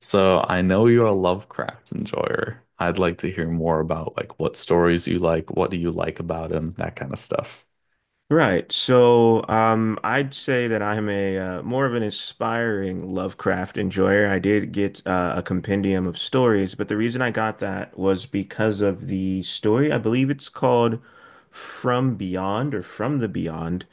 So I know you're a Lovecraft enjoyer. I'd like to hear more about like what stories you like, what do you like about him, that kind of stuff. Right. So I'd say that I'm a more of an aspiring Lovecraft enjoyer. I did get a compendium of stories, but the reason I got that was because of the story. I believe it's called From Beyond or From the Beyond.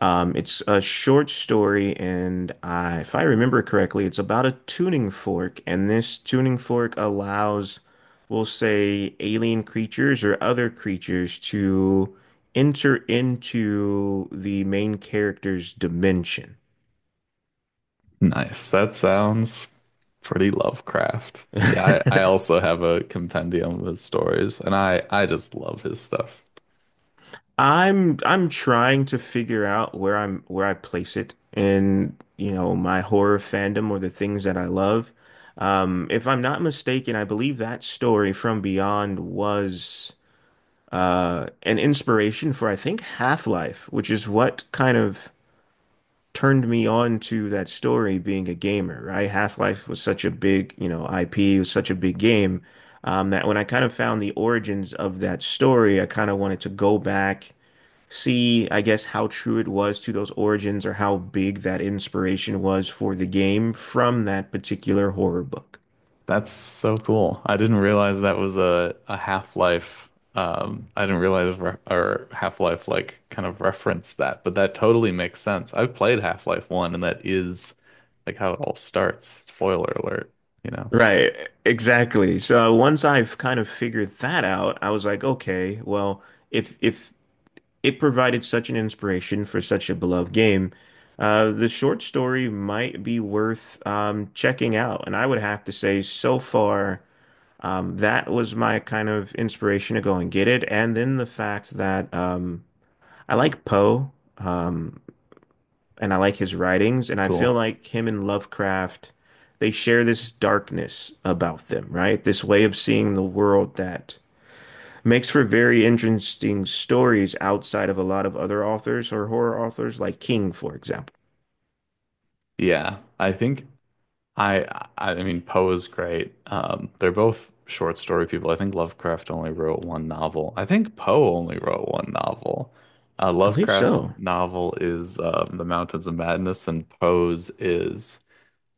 It's a short story, and I, if I remember correctly, it's about a tuning fork, and this tuning fork allows, we'll say, alien creatures or other creatures to enter into the main character's dimension. Nice. That sounds pretty Lovecraft. Yeah, I also have a compendium of his stories, and I just love his stuff. I'm trying to figure out where I place it in, you know, my horror fandom or the things that I love. If I'm not mistaken, I believe that story from Beyond was an inspiration for I think Half-Life, which is what kind of turned me on to that story being a gamer, right? Half-Life was such a big, you know, IP, it was such a big game, that when I kind of found the origins of that story, I kind of wanted to go back, see, I guess, how true it was to those origins or how big that inspiration was for the game from that particular horror book. That's so cool. I didn't realize that was a Half-Life. I didn't realize re or Half-Life like kind of referenced that, but that totally makes sense. I've played Half-Life 1 and that is like how it all starts. Spoiler alert, you know. Right, exactly. So once I've kind of figured that out, I was like, okay, well, if it provided such an inspiration for such a beloved game. The short story might be worth checking out, and I would have to say, so far, that was my kind of inspiration to go and get it. And then the fact that I like Poe, um, and I like his writings, and I feel Cool. like him and Lovecraft, they share this darkness about them, right? This way of seeing the world that makes for very interesting stories outside of a lot of other authors or horror authors, like King, for example. Yeah, I think I I mean Poe is great. They're both short story people. I think Lovecraft only wrote one novel. I think Poe only wrote one novel. Uh, I believe Lovecraft's so. novel is The Mountains of Madness, and Poe's is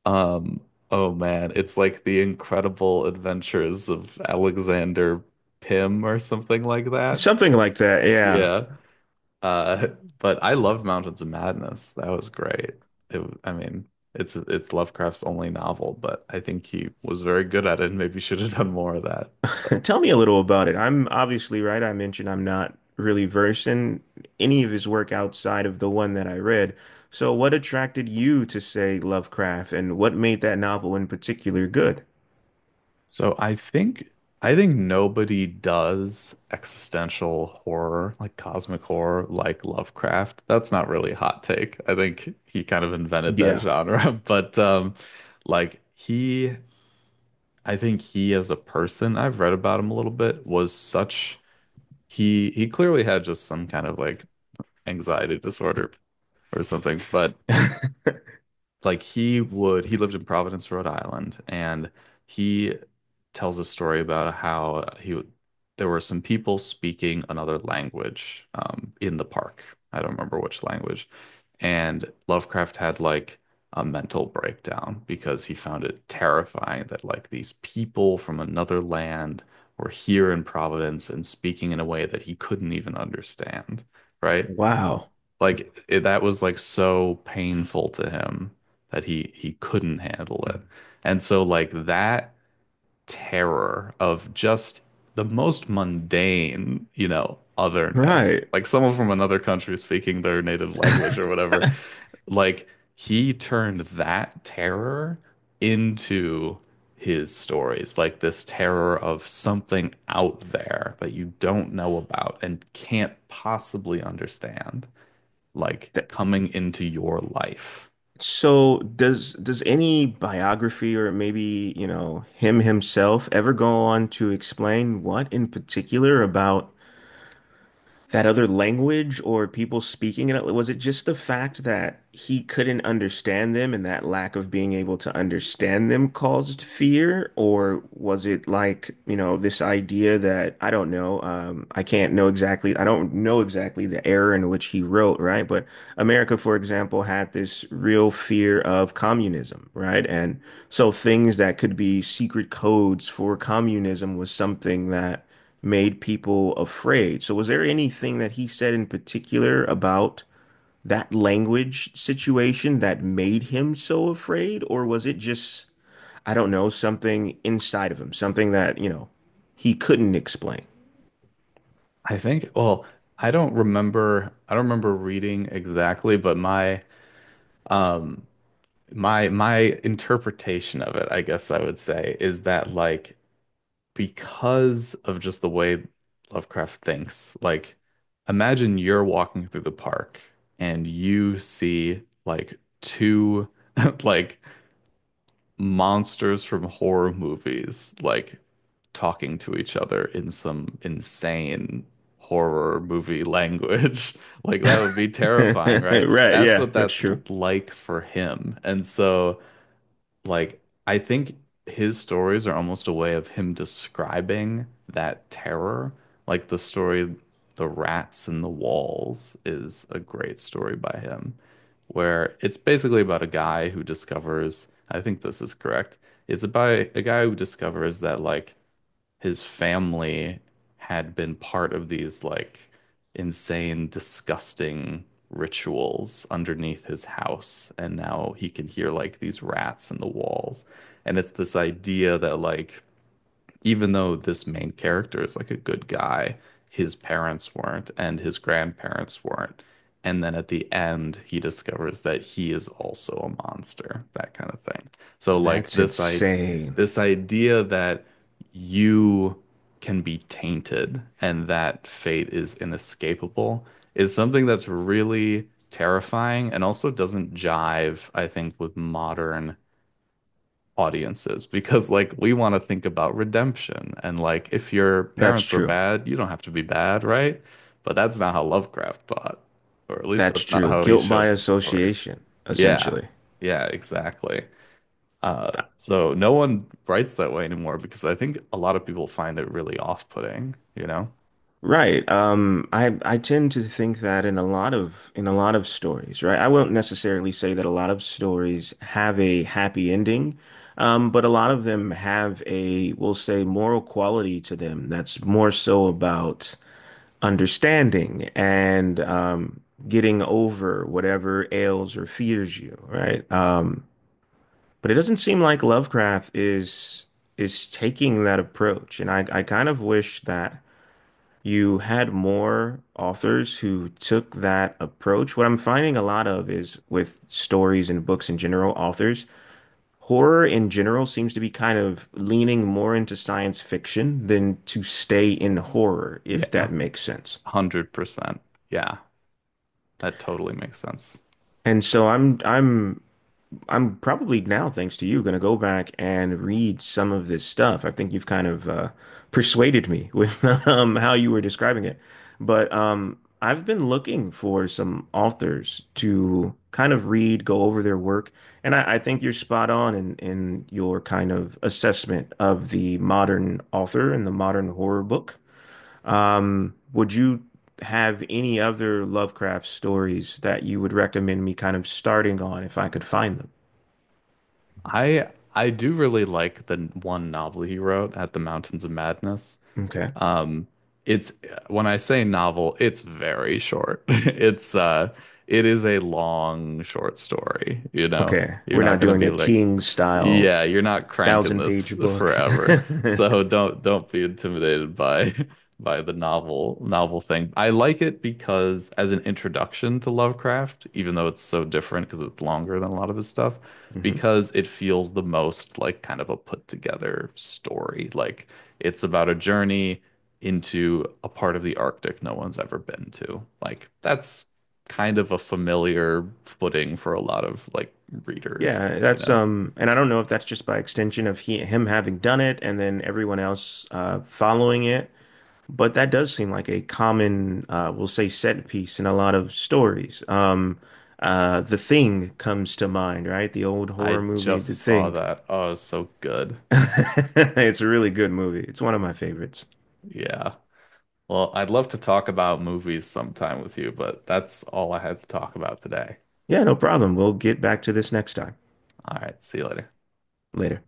um, oh man, it's like The Incredible Adventures of Alexander Pym or something like that. Something like that, yeah. Yeah. Uh, but I loved Mountains of Madness. That was great. It, I mean, it's Lovecraft's only novel, but I think he was very good at it and maybe should have done more of that. But- Tell me a little about it. I'm obviously right. I mentioned I'm not really versed in any of his work outside of the one that I read. So, what attracted you to, say, Lovecraft, and what made that novel in particular good? So I think nobody does existential horror, like cosmic horror, like Lovecraft. That's not really a hot take. I think he kind of invented that Yeah. genre, but like he I think he as a person, I've read about him a little bit, was such he clearly had just some kind of like anxiety disorder or something but like he lived in Providence, Rhode Island, and he tells a story about how he would- there were some people speaking another language in the park. I don't remember which language. And Lovecraft had like a mental breakdown because he found it terrifying that like these people from another land were here in Providence and speaking in a way that he couldn't even understand, right? Wow. Like it, that was like so painful to him that he couldn't handle it. And so like that terror of just the most mundane, you know, otherness, Right. like someone from another country speaking their native language or whatever, like he turned that terror into his stories, like this terror of something out there that you don't know about and can't possibly understand, like coming into your life. So does any biography or maybe, you know, him himself ever go on to explain what in particular about that other language or people speaking it? Was it just the fact that he couldn't understand them and that lack of being able to understand them caused fear? Or was it like, you know, this idea that I don't know, I can't know exactly, I don't know exactly the era in which he wrote, right? But America, for example, had this real fear of communism, right? And so things that could be secret codes for communism was something that made people afraid. So, was there anything that he said in particular about that language situation that made him so afraid? Or was it just, I don't know, something inside of him, something that, you know, he couldn't explain? I think, well, I don't remember reading exactly, but um my interpretation of it, I guess I would say, is that like because of just the way Lovecraft thinks. Like, imagine you're walking through the park and you see like two like monsters from horror movies like talking to each other in some insane horror movie language. Like that would be terrifying, right? Right. That's Yeah, what that's that's l- true. Like for him. And so like, I think his stories are almost a way of him describing that terror. Like the story, The Rats and the Walls is a great story by him, where it's basically about a guy who discovers, I think this is correct. It's about a guy who discovers that like his family had been part of these like insane, disgusting rituals underneath his house. And now he can hear like these rats in the walls. And it's this idea that like even though this main character is like a good guy, his parents weren't and his grandparents weren't. And then at the end, he discovers that he is also a monster, that kind of thing. So like That's insane. this idea that you can be tainted and that fate is inescapable is something that's really terrifying and also doesn't jive, I think, with modern audiences because like we want to think about redemption and like if your That's parents were true. bad, you don't have to be bad, right? But that's not how Lovecraft thought, or at least That's that's not true. how he Guilt by shows in the stories. association, Yeah. essentially. Yeah, exactly. Uh, so no one writes that way anymore because I think a lot of people find it really off-putting, you know? Right. I tend to think that in a lot of stories, right? I won't necessarily say that a lot of stories have a happy ending, but a lot of them have a, we'll say, moral quality to them that's more so about understanding and getting over whatever ails or fears you, right? But it doesn't seem like Lovecraft is taking that approach, and I kind of wish that you had more authors who took that approach. What I'm finding a lot of is with stories and books in general, authors, horror in general seems to be kind of leaning more into science fiction than to stay in horror, if Yeah, that makes sense. 100%. Yeah, that totally makes sense. And so I'm probably now, thanks to you, going to go back and read some of this stuff. I think you've kind of persuaded me with how you were describing it. But I've been looking for some authors to kind of read, go over their work, and I think you're spot on in your kind of assessment of the modern author and the modern horror book. Would you have any other Lovecraft stories that you would recommend me kind of starting on if I could find them? I do really like the one novel he wrote at the Mountains of Madness. Okay. Um, it's when I say novel, it's very short. It is a long short story, you know. Okay. You're We're not not gonna doing be a like, King style yeah, you're not cranking thousand this page book. forever. So don't be intimidated by by the novel novel thing. I like it because as an introduction to Lovecraft, even though it's so different because it's longer than a lot of his stuff, hmm because it feels the most like kind of a put together story. Like it's about a journey into a part of the Arctic no one's ever been to. Like that's kind of a familiar footing for a lot of like readers, Yeah, you that's know. And I don't know if that's just by extension of he him having done it and then everyone else following it, but that does seem like a common we'll say set piece in a lot of stories. The Thing comes to mind, right? The old I horror movie The just saw Thing. that. Oh, so good. It's a really good movie. It's one of my favorites. Yeah. Well, I'd love to talk about movies sometime with you, but that's all I had to talk about today. Yeah, no problem. We'll get back to this next time. All right, see you later. Later.